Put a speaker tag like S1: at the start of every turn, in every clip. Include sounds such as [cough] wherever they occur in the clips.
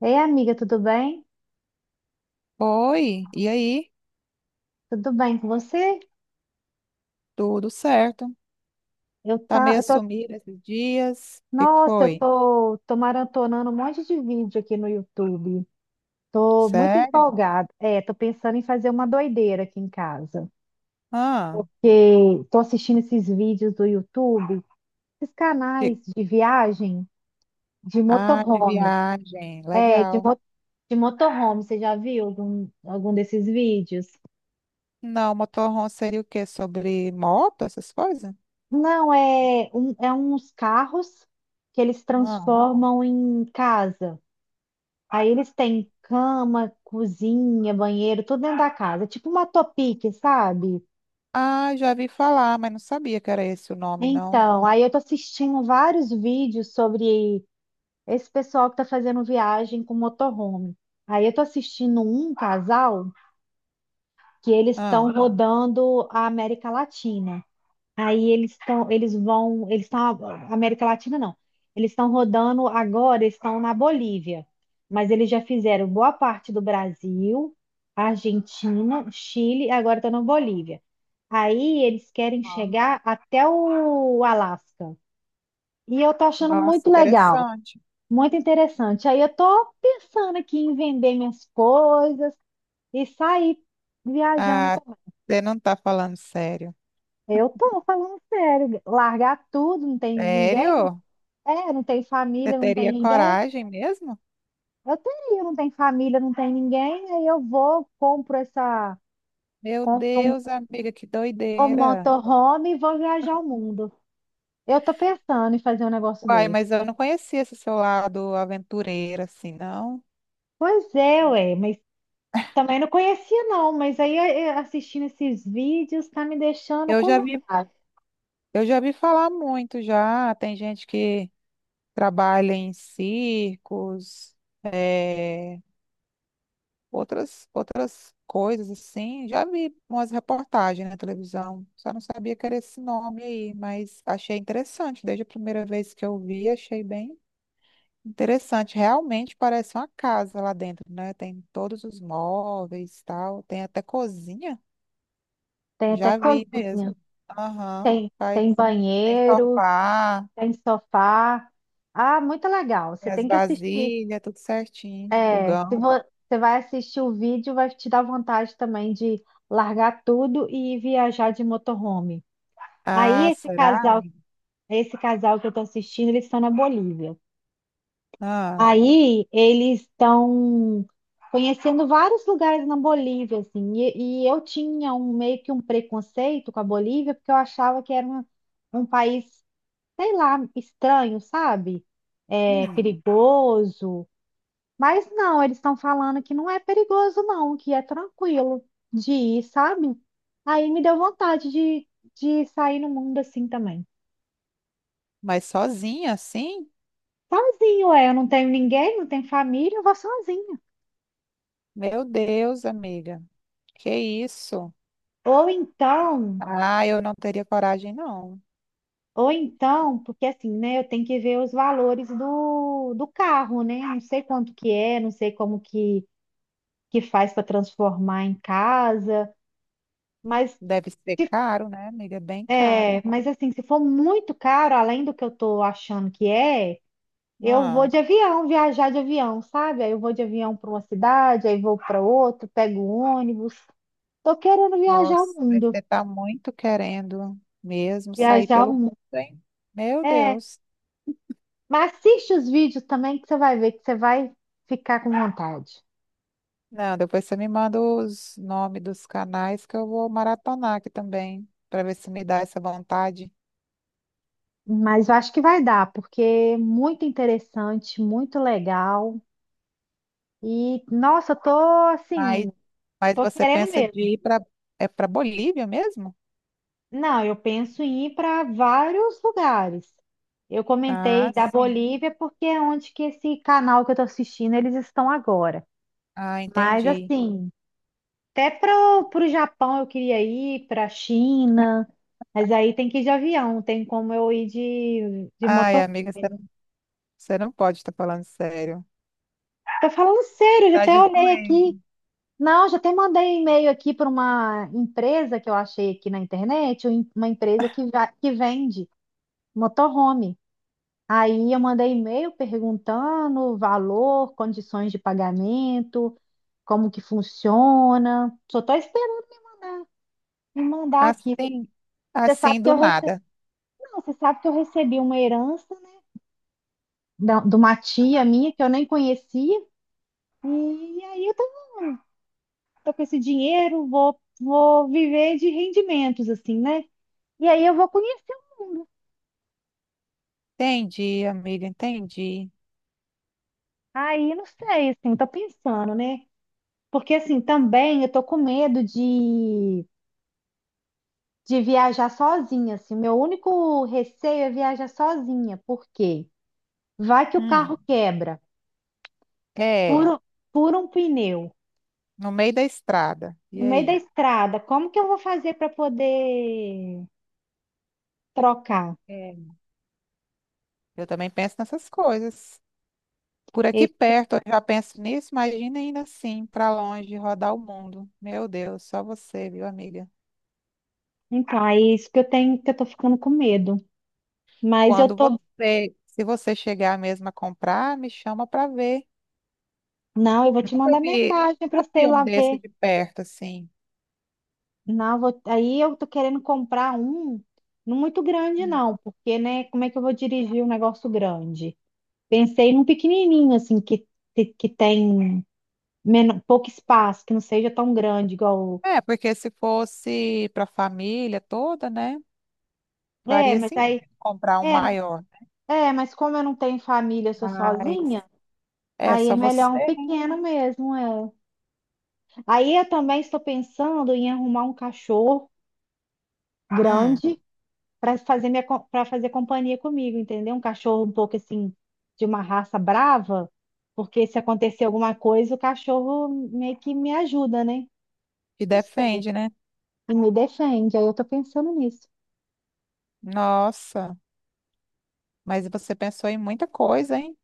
S1: Ei, amiga, tudo bem?
S2: Oi, e aí?
S1: Tudo bem com você?
S2: Tudo certo?
S1: Eu
S2: Tá
S1: tá,
S2: meio
S1: eu tô,
S2: sumida esses dias? O que que
S1: nossa, eu
S2: foi?
S1: tô, Tô maratonando um monte de vídeo aqui no YouTube. Tô muito
S2: Sério?
S1: empolgada. É, tô pensando em fazer uma doideira aqui em casa.
S2: Ah,
S1: Que tô assistindo esses vídeos do YouTube, esses
S2: de...
S1: canais de viagem de
S2: ah, de
S1: motorhome.
S2: viagem,
S1: É, de,
S2: legal.
S1: mo- de motorhome, você já viu algum desses vídeos?
S2: Não, motorhome seria o quê? Sobre moto, essas coisas?
S1: Não, é, um, é uns carros que eles
S2: Ah.
S1: transformam em casa. Aí eles têm cama, cozinha, banheiro, tudo dentro da casa, é tipo uma topic, sabe?
S2: Ah, já vi falar, mas não sabia que era esse o nome, não.
S1: Então, aí eu tô assistindo vários vídeos sobre esse pessoal que tá fazendo viagem com motorhome. Aí eu tô assistindo um casal que eles
S2: Ah.
S1: estão rodando a América Latina. Aí eles estão, eles vão, eles estão, América Latina não. Eles estão rodando agora, eles estão na Bolívia, mas eles já fizeram boa parte do Brasil, Argentina, Chile, e agora estão na Bolívia. Aí eles querem
S2: Ah.
S1: chegar até o Alasca. E eu tô achando
S2: Nossa,
S1: muito legal,
S2: interessante.
S1: muito interessante. Aí eu tô pensando aqui em vender minhas coisas e sair viajando.
S2: Ah,
S1: Também.
S2: você não tá falando sério.
S1: Eu tô falando sério, largar tudo, não tem ninguém.
S2: Sério?
S1: É, não tem
S2: Você
S1: família, não tem
S2: teria
S1: ninguém.
S2: coragem mesmo?
S1: Eu teria, não tem família, não tem ninguém. Aí eu vou, compro essa,
S2: Meu
S1: compro um,
S2: Deus, amiga, que
S1: Um
S2: doideira.
S1: motorhome e vou viajar o mundo. Eu tô pensando em fazer um negócio
S2: Uai,
S1: desse.
S2: mas eu não conhecia esse seu lado aventureiro, assim, não.
S1: Pois é, ué, mas também não conhecia não, mas aí assistindo esses vídeos tá me deixando
S2: Eu já vi, eu já vi falar muito já. Tem gente que trabalha em circos, eh, outras coisas assim. Já vi umas reportagens na televisão. Só não sabia que era esse nome aí, mas achei interessante. Desde a primeira vez que eu vi, achei bem interessante. Realmente parece uma casa lá dentro, né? Tem todos os móveis e tal. Tem até cozinha.
S1: Tem até
S2: Já vi mesmo.
S1: cozinha,
S2: Aham.
S1: tem,
S2: Faz.
S1: tem
S2: Tem
S1: banheiro,
S2: sofá,
S1: tem sofá. Ah, muito legal.
S2: tem
S1: Você
S2: as
S1: tem que assistir.
S2: vasilhas, tudo certinho.
S1: É, se
S2: Fogão.
S1: vo- Você vai assistir o vídeo, vai te dar vontade também de largar tudo e viajar de motorhome. Aí
S2: Ah,
S1: esse
S2: será?
S1: casal, esse casal que eu tô assistindo, eles estão na Bolívia.
S2: Ah,
S1: Aí eles estão conhecendo vários lugares na Bolívia, assim. E eu tinha um meio que um preconceito com a Bolívia, porque eu achava que era um, um país, sei lá, estranho, sabe? É,
S2: hum.
S1: perigoso. Mas não, eles estão falando que não é perigoso, não, que é tranquilo de ir, sabe? Aí me deu vontade de sair no mundo assim também.
S2: Mas sozinha assim?
S1: Sozinho, é, eu não tenho ninguém, não tenho família, eu vou sozinha.
S2: Meu Deus, amiga. Que isso?
S1: Ou então,
S2: Ah, eu não teria coragem, não.
S1: ou então, porque assim, né, eu tenho que ver os valores do carro, né? Não sei quanto que é, não sei como que faz para transformar em casa, mas
S2: Deve ser caro, né, amiga? Bem caro.
S1: é, mas assim, se for muito caro, além do que eu tô achando que é, eu vou
S2: Ah,
S1: de avião, viajar de avião, sabe? Aí eu vou de avião para uma cidade, aí vou para outra, pego ônibus. Tô querendo viajar o
S2: nossa, mas
S1: mundo,
S2: você tá muito querendo mesmo sair
S1: viajar o
S2: pelo
S1: mundo.
S2: mundo, hein? Meu
S1: É,
S2: Deus.
S1: mas assiste os vídeos também que você vai ver que você vai ficar com vontade.
S2: Não, depois você me manda os nomes dos canais que eu vou maratonar aqui também, para ver se me dá essa vontade.
S1: Mas eu acho que vai dar, porque é muito interessante, muito legal. E nossa, eu tô
S2: Mas,
S1: assim,
S2: mas
S1: tô
S2: você
S1: querendo
S2: pensa
S1: mesmo.
S2: de ir para é para Bolívia mesmo?
S1: Não, eu penso em ir para vários lugares. Eu
S2: Ah,
S1: comentei da
S2: sim.
S1: Bolívia porque é onde que esse canal que eu estou assistindo eles estão agora.
S2: Ah,
S1: Mas
S2: entendi.
S1: assim, até para o Japão eu queria ir, para a China, mas aí tem que ir de avião, tem como eu ir de
S2: Ai,
S1: motor.
S2: amiga, você não pode estar falando sério.
S1: Tô falando sério, eu já
S2: Tá
S1: até
S2: de
S1: olhei aqui.
S2: doendo.
S1: Não, já até mandei um e-mail aqui para uma empresa que eu achei aqui na internet, uma empresa que vende motorhome. Aí eu mandei e-mail perguntando o valor, condições de pagamento, como que funciona. Só estou esperando me mandar aqui.
S2: Assim,
S1: Você sabe
S2: assim
S1: que
S2: do
S1: eu recebi,
S2: nada.
S1: não, você sabe que eu recebi uma herança, né, de uma tia minha que eu nem conhecia. E aí eu tô, tô com esse dinheiro, vou viver de rendimentos, assim, né? E aí eu vou conhecer. Um,
S2: Entendi, amiga, entendi.
S1: aí não sei, assim, tô pensando, né? Porque assim, também eu tô com medo de viajar sozinha, assim. Meu único receio é viajar sozinha, porque vai que o
S2: Hum,
S1: carro quebra,
S2: é,
S1: fura, fura um pneu
S2: no meio da estrada. E
S1: no meio da
S2: aí?
S1: estrada. Como que eu vou fazer para poder trocar?
S2: É. Eu também penso nessas coisas. Por aqui
S1: Esse-
S2: perto, eu já penso nisso, imagina ainda assim, para longe, rodar o mundo. Meu Deus, só você, viu, amiga?
S1: Então, é isso que eu tenho, que eu tô ficando com medo. Mas eu
S2: Quando
S1: tô,
S2: você, se você chegar mesmo a comprar, me chama para ver.
S1: não, eu vou te mandar mensagem para
S2: Nunca
S1: você ir
S2: vi um
S1: lá
S2: desse
S1: ver.
S2: de perto, assim.
S1: Não, eu vou- aí eu tô querendo comprar um não muito grande
S2: Hum.
S1: não, porque né, como é que eu vou dirigir um negócio grande? Pensei num pequenininho, assim, que tem pouco espaço, que não seja tão grande igual.
S2: É, porque se fosse para a família toda, né,
S1: É,
S2: faria
S1: mas aí.
S2: sentido comprar um
S1: É,
S2: maior.
S1: é, mas como eu não tenho família, eu sou
S2: Mas
S1: sozinha,
S2: é
S1: aí é
S2: só você,
S1: melhor um
S2: né?
S1: pequeno mesmo, é. Aí eu também estou pensando em arrumar um cachorro
S2: Hum,
S1: grande para fazer minha, para fazer companhia comigo, entendeu? Um cachorro um pouco assim, de uma raça brava, porque se acontecer alguma coisa, o cachorro meio que me ajuda, né?
S2: te
S1: Não sei.
S2: defende, né?
S1: Me defende, aí eu tô pensando nisso.
S2: Nossa, mas você pensou em muita coisa, hein?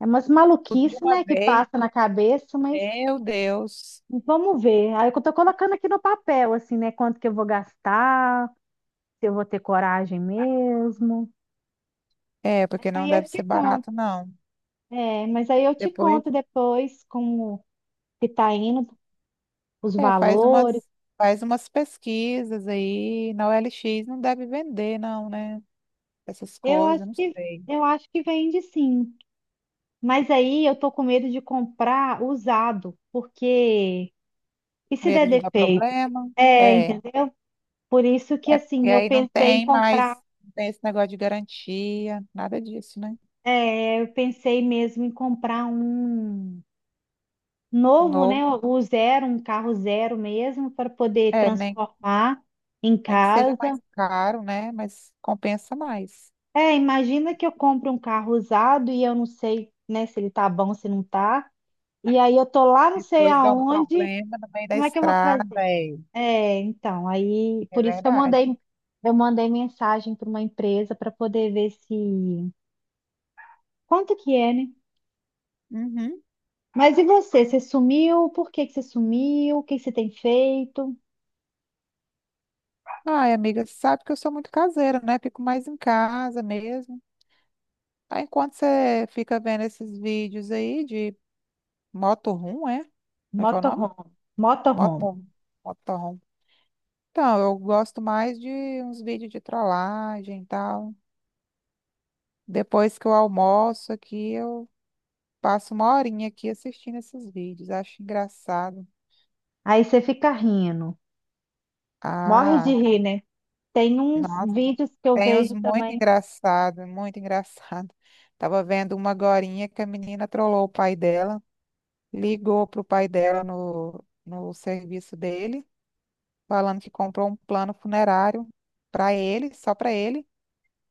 S1: É umas
S2: Tudo de
S1: maluquice,
S2: uma
S1: né, que
S2: vez.
S1: passa na cabeça, mas
S2: Meu Deus.
S1: vamos ver. Aí eu tô colocando aqui no papel, assim, né, quanto que eu vou gastar, se eu vou ter coragem mesmo.
S2: É, porque não
S1: Aí eu
S2: deve ser
S1: te conto,
S2: barato, não.
S1: é, mas aí eu te
S2: Depois,
S1: conto depois como que tá indo, os
S2: é,
S1: valores.
S2: faz umas pesquisas aí. Na OLX não deve vender, não, né? Essas
S1: Eu acho
S2: coisas, não
S1: que
S2: sei.
S1: eu acho que vende sim. Mas aí eu tô com medo de comprar usado, porque e se der
S2: Medo de dar
S1: defeito?
S2: problema.
S1: É,
S2: É,
S1: entendeu? Por isso que
S2: é porque
S1: assim,
S2: aí não
S1: em
S2: tem mais,
S1: comprar,
S2: não tem esse negócio de garantia, nada disso, né?
S1: eu pensei mesmo em comprar um novo, né?
S2: Novo,
S1: O zero, um carro zero mesmo, para poder
S2: é,
S1: transformar em
S2: nem que seja
S1: casa.
S2: mais caro, né? Mas compensa mais.
S1: É, imagina que eu compro um carro usado e eu não sei, né, se ele tá bom, se não tá. E aí eu tô lá, não sei
S2: Depois dá um
S1: aonde,
S2: problema no meio da
S1: como é que eu vou fazer?
S2: estrada, é,
S1: É, então, aí
S2: é
S1: por isso que
S2: verdade.
S1: eu mandei mensagem para uma empresa para poder ver se quanto que é, né?
S2: Uhum.
S1: Mas e você? Você sumiu? Por que que você sumiu? O que que você tem feito?
S2: Ai, amiga, sabe que eu sou muito caseira, né? Fico mais em casa mesmo. Aí, enquanto você fica vendo esses vídeos aí de motorhome, é? Como é que é o nome?
S1: Motorhome, motorhome.
S2: Motorhome. Motorhome. Então, eu gosto mais de uns vídeos de trollagem e tal. Depois que eu almoço aqui, eu passo uma horinha aqui assistindo esses vídeos. Acho engraçado.
S1: Aí você fica rindo, morre de
S2: Ah,
S1: rir, né? Tem uns
S2: nossa,
S1: vídeos que eu
S2: tem uns
S1: vejo
S2: muito
S1: também.
S2: engraçado, muito engraçado. Tava vendo uma agorinha que a menina trollou o pai dela. Ligou para o pai dela no serviço dele, falando que comprou um plano funerário para ele, só para ele.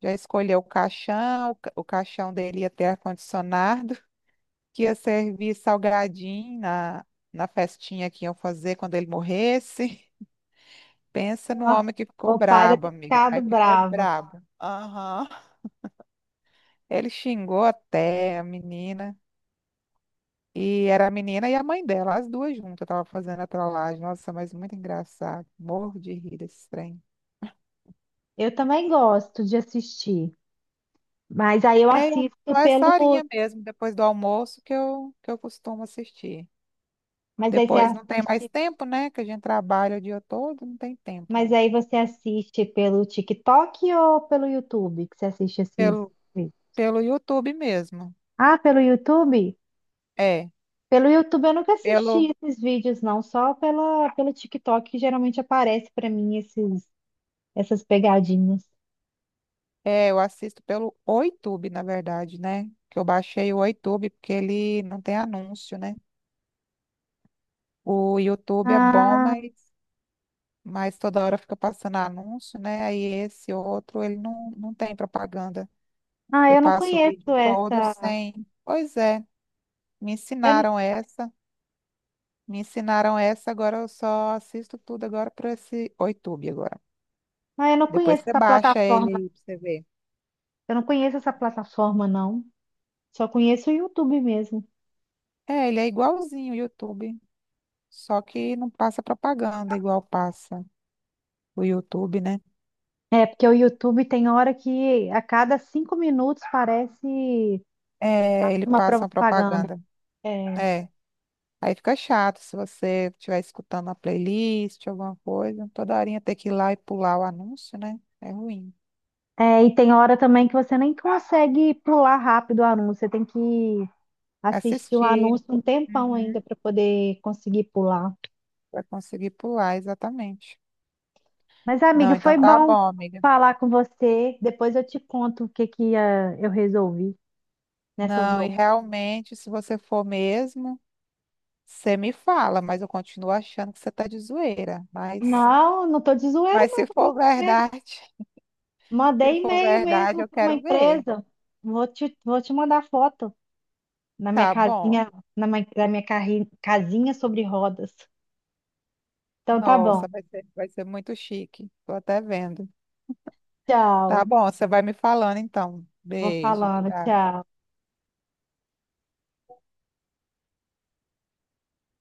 S2: Já escolheu o caixão, o caixão dele ia ter ar-condicionado, [laughs] que ia servir salgadinho na festinha que iam fazer quando ele morresse. [laughs] Pensa no
S1: Nossa,
S2: homem que ficou
S1: o padre
S2: brabo,
S1: tem
S2: amiga.
S1: ficado
S2: Mas ficou
S1: bravo.
S2: brabo. Aham. Ele xingou até a menina. E era a menina e a mãe dela, as duas juntas, tava fazendo a trollagem. Nossa, mas muito engraçado. Morro de rir desse trem.
S1: Eu também gosto de assistir, mas aí eu
S2: É é
S1: assisto
S2: só essa
S1: pelo.
S2: horinha mesmo, depois do almoço, que eu costumo assistir.
S1: Mas aí você
S2: Depois não tem mais
S1: assiste.
S2: tempo, né? Que a gente trabalha o dia todo, não tem tempo.
S1: Mas aí você assiste pelo TikTok ou pelo YouTube que você assiste esses
S2: Pelo,
S1: vídeos?
S2: pelo YouTube mesmo.
S1: Ah, pelo YouTube?
S2: É,
S1: Pelo YouTube eu nunca
S2: pelo,
S1: assisti esses vídeos, não, só pelo TikTok que geralmente aparece pra mim essas pegadinhas.
S2: é, eu assisto pelo YouTube, na verdade, né? Que eu baixei o YouTube porque ele não tem anúncio, né? O YouTube é bom,
S1: Ah,
S2: mas toda hora fica passando anúncio, né? Aí esse outro, ele não, não tem propaganda. Eu
S1: eu não
S2: passo o
S1: conheço
S2: vídeo todo
S1: essa.
S2: sem. Pois é, me
S1: Eu,
S2: ensinaram essa, me ensinaram essa, agora eu só assisto tudo agora por esse o YouTube agora.
S1: ah, eu não
S2: Depois
S1: conheço
S2: você
S1: essa
S2: baixa ele
S1: plataforma.
S2: aí pra você ver.
S1: Eu não conheço essa plataforma, não. Só conheço o YouTube mesmo.
S2: É, ele é igualzinho o YouTube, só que não passa propaganda igual passa o YouTube, né?
S1: É, porque o YouTube tem hora que a cada 5 minutos parece
S2: É, ele
S1: uma
S2: passa uma
S1: propaganda.
S2: propaganda.
S1: É.
S2: É. Aí fica chato se você estiver escutando a playlist, alguma coisa, toda horinha ter que ir lá e pular o anúncio, né? É ruim.
S1: É, e tem hora também que você nem consegue pular rápido o anúncio. Você tem que assisti o
S2: Assistir
S1: anúncio um tempão ainda
S2: Uhum.
S1: para poder conseguir pular.
S2: Para conseguir pular, exatamente.
S1: Mas,
S2: Não,
S1: amiga,
S2: então
S1: foi
S2: tá
S1: bom
S2: bom, amiga.
S1: falar com você. Depois eu te conto o que que ah, eu resolvi nessas
S2: Não, e
S1: loucuras.
S2: realmente, se você for mesmo, você me fala, mas eu continuo achando que você tá de zoeira.
S1: Não, não tô de zoeira,
S2: Mas
S1: não,
S2: se
S1: tô
S2: for
S1: falando sério.
S2: verdade, [laughs] se
S1: Mandei
S2: for
S1: e-mail
S2: verdade,
S1: mesmo
S2: eu
S1: para uma
S2: quero ver.
S1: empresa. Vou te mandar foto na minha
S2: Tá bom.
S1: casinha, da minha casinha sobre rodas. Então tá bom.
S2: Nossa, vai ser muito chique. Tô até vendo. Tá
S1: Tchau.
S2: bom, você vai me falando então.
S1: Vou
S2: Beijo,
S1: falando,
S2: tchau.
S1: tchau.